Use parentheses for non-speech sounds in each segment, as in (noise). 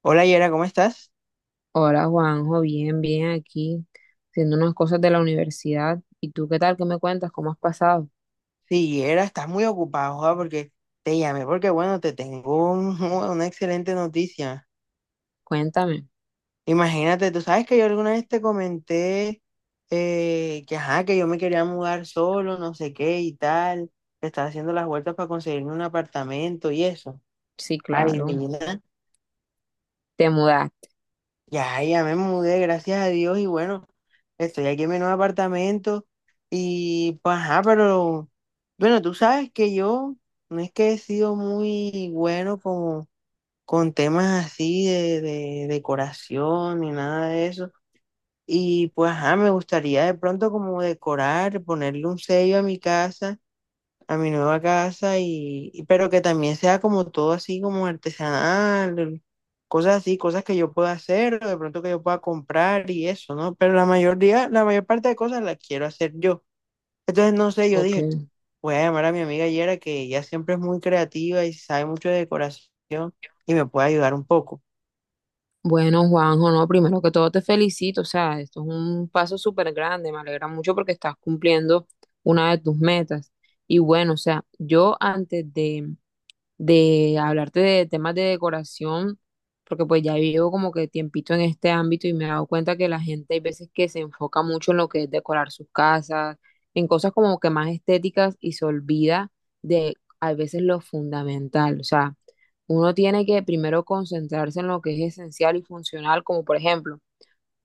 Hola, Yera, ¿cómo estás? Hola Juanjo, bien, bien aquí, haciendo unas cosas de la universidad. ¿Y tú qué tal? ¿Qué me cuentas? ¿Cómo has pasado? Sí, Yera, estás muy ocupado, joda, porque te llamé porque, bueno, (laughs) una excelente noticia. Cuéntame. Imagínate, tú sabes que yo alguna vez te comenté que, ajá, que yo me quería mudar solo, no sé qué y tal. Que Estaba haciendo las vueltas para conseguirme un apartamento y eso. Sí, Ay, claro. divina. Te mudaste. Ya me mudé, gracias a Dios, y bueno, estoy aquí en mi nuevo apartamento y pues, ajá, pero bueno, tú sabes que yo no es que he sido muy bueno como con temas así de decoración ni nada de eso. Y pues, ajá, me gustaría de pronto como decorar, ponerle un sello a mi casa, a mi nueva casa pero que también sea como todo así como artesanal, cosas así, cosas que yo pueda hacer o de pronto que yo pueda comprar y eso, ¿no? Pero la mayor parte de cosas las quiero hacer yo. Entonces, no sé, yo Ok. dije, voy a llamar a mi amiga Yera, que ella siempre es muy creativa y sabe mucho de decoración y me puede ayudar un poco. Bueno, Juanjo, no, primero que todo te felicito. O sea, esto es un paso súper grande. Me alegra mucho porque estás cumpliendo una de tus metas. Y bueno, o sea, yo antes de hablarte de temas de decoración, porque pues ya vivo como que tiempito en este ámbito y me he dado cuenta que la gente hay veces que se enfoca mucho en lo que es decorar sus casas, en cosas como que más estéticas y se olvida de a veces lo fundamental. O sea, uno tiene que primero concentrarse en lo que es esencial y funcional, como por ejemplo,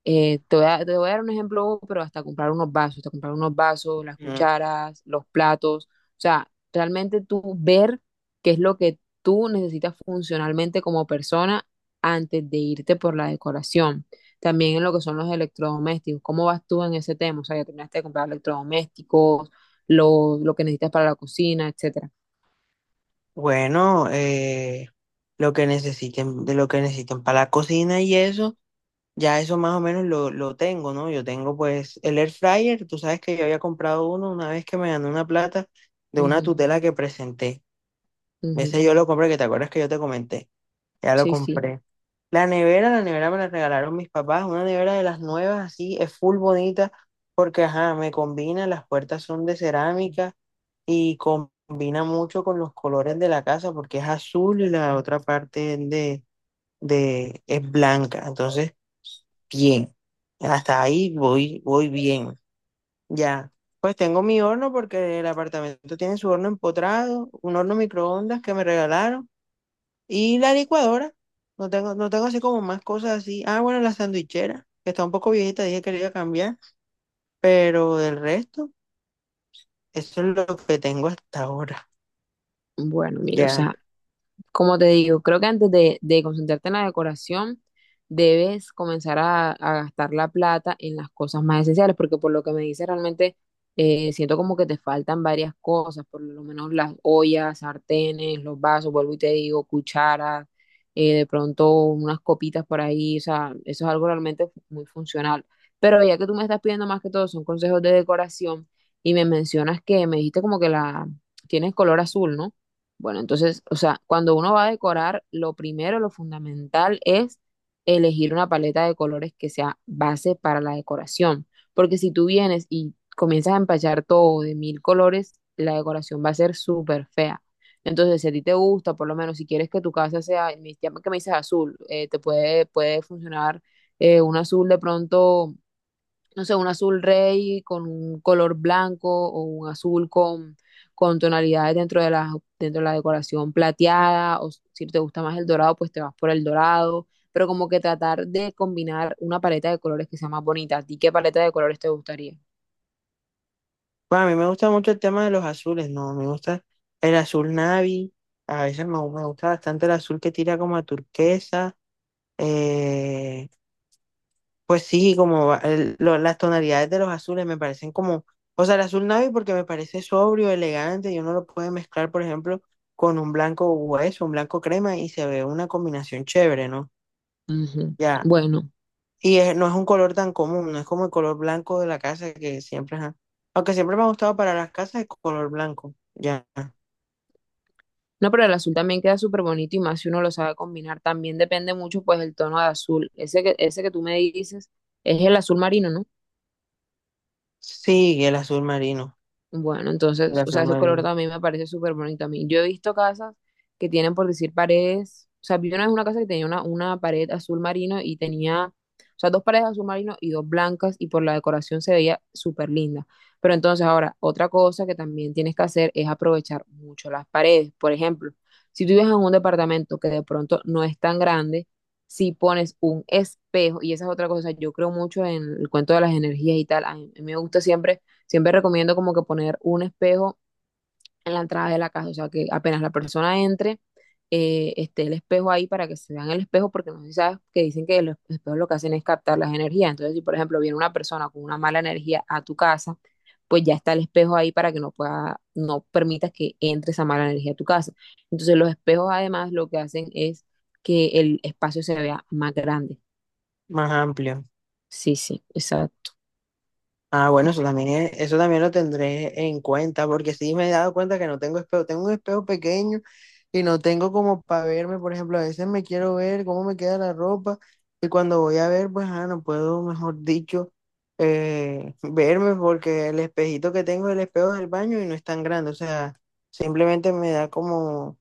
te voy a dar un ejemplo, pero hasta comprar unos vasos, hasta comprar unos vasos, las Mm. cucharas, los platos. O sea, realmente tú ver qué es lo que tú necesitas funcionalmente como persona antes de irte por la decoración. También en lo que son los electrodomésticos. ¿Cómo vas tú en ese tema? O sea, ya terminaste de comprar electrodomésticos, lo que necesitas para la cocina, etcétera. Bueno, lo que necesiten, de lo que necesiten para la cocina y eso. Ya eso más o menos lo tengo, ¿no? Yo tengo pues el air fryer, tú sabes que yo había comprado uno una vez que me gané una plata de una Ujú, tutela que presenté. ujú. Ese yo lo compré, que te acuerdas que yo te comenté, ya lo Sí, sí. compré. La nevera me la regalaron mis papás, una nevera de las nuevas, así, es full bonita, porque ajá, me combina, las puertas son de cerámica y combina mucho con los colores de la casa, porque es azul y la otra parte es blanca, entonces bien. Hasta ahí voy, voy bien. Ya. Pues tengo mi horno porque el apartamento tiene su horno empotrado, un horno microondas que me regalaron y la licuadora. No tengo así como más cosas así. Ah, bueno, la sandwichera, que está un poco viejita, dije que le iba a cambiar, pero del resto, eso es lo que tengo hasta ahora. Bueno, mira, o Ya. sea. Como te digo, creo que antes de concentrarte en la decoración, debes comenzar a gastar la plata en las cosas más esenciales, porque por lo que me dices, realmente siento como que te faltan varias cosas, por lo menos las ollas, sartenes, los vasos, vuelvo y te digo, cucharas, de pronto unas copitas por ahí, o sea, eso es algo realmente muy funcional. Pero ya que tú me estás pidiendo más que todo, son consejos de decoración y me mencionas que me dijiste como que la tienes color azul, ¿no? Bueno, entonces, o sea, cuando uno va a decorar, lo primero, lo fundamental es elegir una paleta de colores que sea base para la decoración, porque si tú vienes y comienzas a empachar todo de mil colores, la decoración va a ser súper fea. Entonces, si a ti te gusta, por lo menos si quieres que tu casa sea, ya que me dices azul, puede funcionar un azul de pronto no sé, un azul rey con un color blanco o un azul con tonalidades dentro de la decoración plateada, o si te gusta más el dorado, pues te vas por el dorado, pero como que tratar de combinar una paleta de colores que sea más bonita. ¿A ti qué paleta de colores te gustaría? Bueno, a mí me gusta mucho el tema de los azules, ¿no? Me gusta el azul navy, a veces me gusta bastante el azul que tira como a turquesa. Eh, Pues sí, como va- el- lo- las tonalidades de los azules me parecen como, o sea, el azul navy porque me parece sobrio, elegante, y uno lo puede mezclar, por ejemplo, con un blanco hueso, un blanco crema, y se ve una combinación chévere, ¿no? Ujú. Ya, Bueno, no es un color tan común, no es como el color blanco de la casa que siempre, ajá. Aunque siempre me ha gustado para las casas el color blanco, ya. no, pero el azul también queda súper bonito y más si uno lo sabe combinar. También depende mucho, pues, el tono de azul. Ese que tú me dices es el azul marino, ¿no? Sí, Bueno, el entonces, o azul sea, ese color marino, también me parece súper bonito a mí. Yo he visto casas que tienen, por decir, paredes. O sea, vi una vez una casa que tenía una pared azul marino y tenía, o sea, dos paredes azul marino y dos blancas y por la decoración se veía súper linda. Pero entonces ahora, otra cosa que también tienes que hacer es aprovechar mucho las paredes. Por ejemplo, si tú vives en un departamento que de pronto no es tan grande, si pones un espejo, y esa es otra cosa, yo creo mucho en el cuento de las energías y tal, a mí me gusta siempre recomiendo como que poner un espejo en la entrada de la casa, o sea, que apenas la persona entre, esté el espejo ahí para que se vean el espejo, porque no sé si sabes que dicen que los espejos lo que hacen es captar las energías. Entonces, si por ejemplo viene una persona con una mala energía a tu casa, pues ya está el espejo ahí para que no pueda, no permitas que entre esa mala energía a tu casa. Entonces, los espejos además lo que hacen es que el espacio se vea más grande. más amplio. Sí, sí, exacto. Ah, bueno, eso también eso también lo tendré en cuenta, porque sí me he dado cuenta que no tengo espejo, tengo un espejo pequeño y no tengo como para verme, por ejemplo, a veces me quiero ver cómo me queda la ropa y cuando voy a ver, pues, ah, no puedo, mejor dicho, (laughs) verme porque el espejito que tengo es el espejo del baño y no es tan grande, o sea, simplemente me da como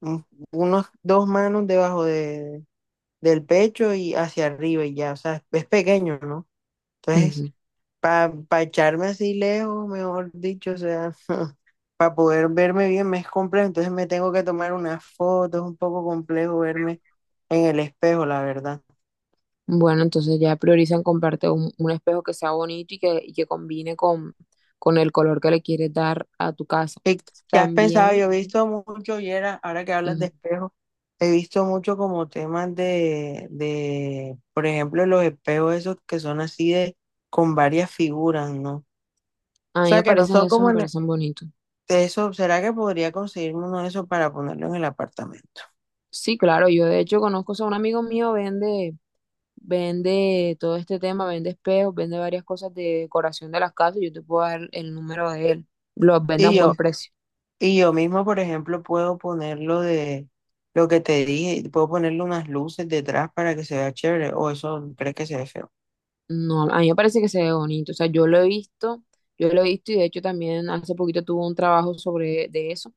un- unos dos manos debajo del pecho y hacia arriba y ya, o sea, es pequeño, ¿no? Entonces para echarme así lejos, mejor dicho, o sea, (laughs) para poder verme bien me es complejo, entonces me tengo que tomar unas fotos, es un poco complejo verme en el espejo, la verdad. Bueno, entonces ya priorizan comprarte un espejo que sea bonito y que combine con el color que le quieres dar a tu casa. ¿Qué, ¿qué has pensado? Yo También, he visto mucho, y era, ahora que hablas de ujú, espejo, he visto mucho como temas por ejemplo, los espejos esos que son así de, con varias figuras, ¿no? O a mí me sea, que no parecen son esos, como... me en- e, parecen bonitos. de Eso, ¿será que podría conseguirme uno de esos para ponerlo en el apartamento? Sí, claro, yo de hecho conozco, o sea, un amigo mío vende, vende todo este tema, vende espejos, vende varias cosas de decoración de las casas, yo te puedo dar el número de él, los vende a Y un buen yo, precio. Y yo mismo, por ejemplo, puedo ponerlo de lo que te dije, puedo ponerle unas luces detrás para que se vea chévere, o eso crees que se ve feo. No, a mí me parece que se ve bonito. O sea, yo lo he visto, yo lo he visto y de hecho también hace poquito tuve un trabajo sobre de eso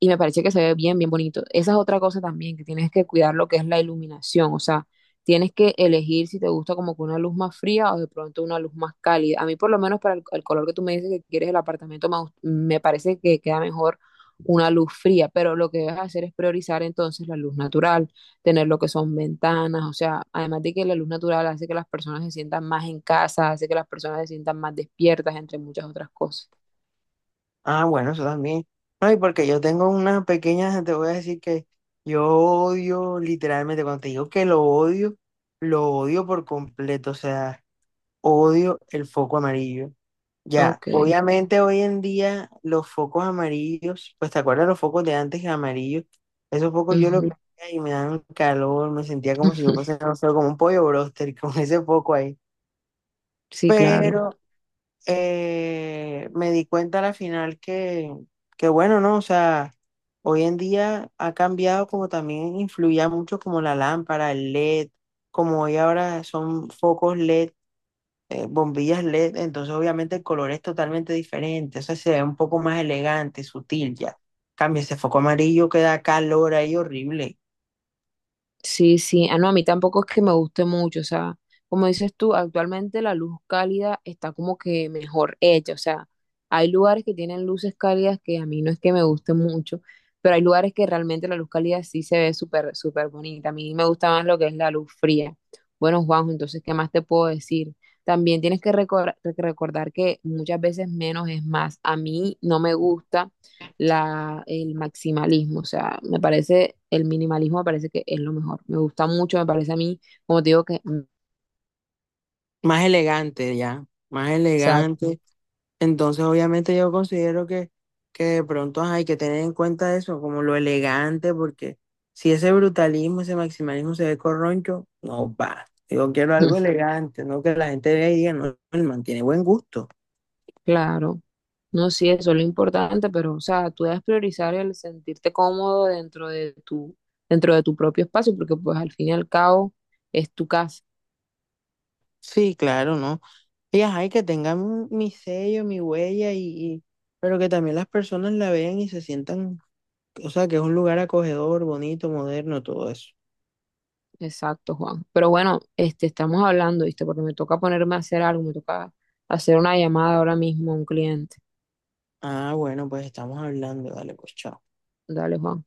y me parece que se ve bien, bien bonito. Esa es otra cosa también, que tienes que cuidar lo que es la iluminación. O sea, tienes que elegir si te gusta como que una luz más fría o de pronto una luz más cálida. A mí por lo menos para el color que tú me dices que quieres el apartamento, me parece que queda mejor una luz fría, pero lo que debes hacer es priorizar entonces la luz natural tener lo que son ventanas, o sea, además de que la luz natural hace que las personas se sientan más en casa, hace que las personas se sientan más despiertas, entre muchas otras cosas. Ah, bueno, eso también. No, y porque yo tengo unas pequeñas, te voy a decir que yo odio, literalmente, cuando te digo que lo odio por completo, o sea, odio el foco amarillo. Ah, Ya, ok. obviamente hoy en día los focos amarillos, pues te acuerdas los focos de antes amarillos, esos focos yo los Ujú. veía y me daban calor, me sentía como si yo (laughs) pasara no sé, como un pollo bróster (laughs) con ese foco ahí. Sí, claro. Pero me di cuenta al final que bueno, ¿no? O sea, hoy en día ha cambiado, como también influía mucho como la lámpara, el LED, como hoy ahora son focos LED, bombillas LED, entonces obviamente el color es totalmente diferente, o sea, se ve un poco más elegante, sutil ya. Cambia ese foco amarillo que da calor ahí horrible, Sí, sí, ah, no, a mí tampoco es que me guste mucho, o sea, como dices tú, actualmente la luz cálida está como que mejor hecha, o sea, hay lugares que tienen luces cálidas que a mí no es que me guste mucho, pero hay lugares que realmente la luz cálida sí se ve súper, súper bonita, a mí me gusta más lo que es la luz fría. Bueno, Juanjo, entonces, ¿qué más te puedo decir? También tienes que recordar que muchas veces menos es más. A mí no me gusta el maximalismo, o sea, me parece, el minimalismo me parece que es lo mejor, me gusta mucho, me parece a mí, como te digo, más elegante ya, más exacto, elegante. Entonces obviamente yo considero que de pronto ajá, hay que tener en cuenta eso, como lo elegante, porque si ese brutalismo, ese maximalismo se ve corroncho, no va. Yo quiero algo (laughs) elegante, no que la gente vea y diga, no, él mantiene buen gusto. claro, no, sí, eso es lo importante, pero, o sea, tú debes priorizar el sentirte cómodo dentro de tu propio espacio, porque pues al fin y al cabo es tu casa, Sí, claro, ¿no? Y ajá, mi sello, mi huella, y- pero que también las personas la vean y se sientan, o sea, que es un lugar acogedor, bonito, moderno, todo eso. exacto, Juan, pero bueno, este, estamos hablando, ¿viste? Porque me toca ponerme a hacer algo, me toca hacer una llamada ahora mismo a un cliente, Ah, bueno, pues estamos hablando, dale, pues chao. dale, Juan.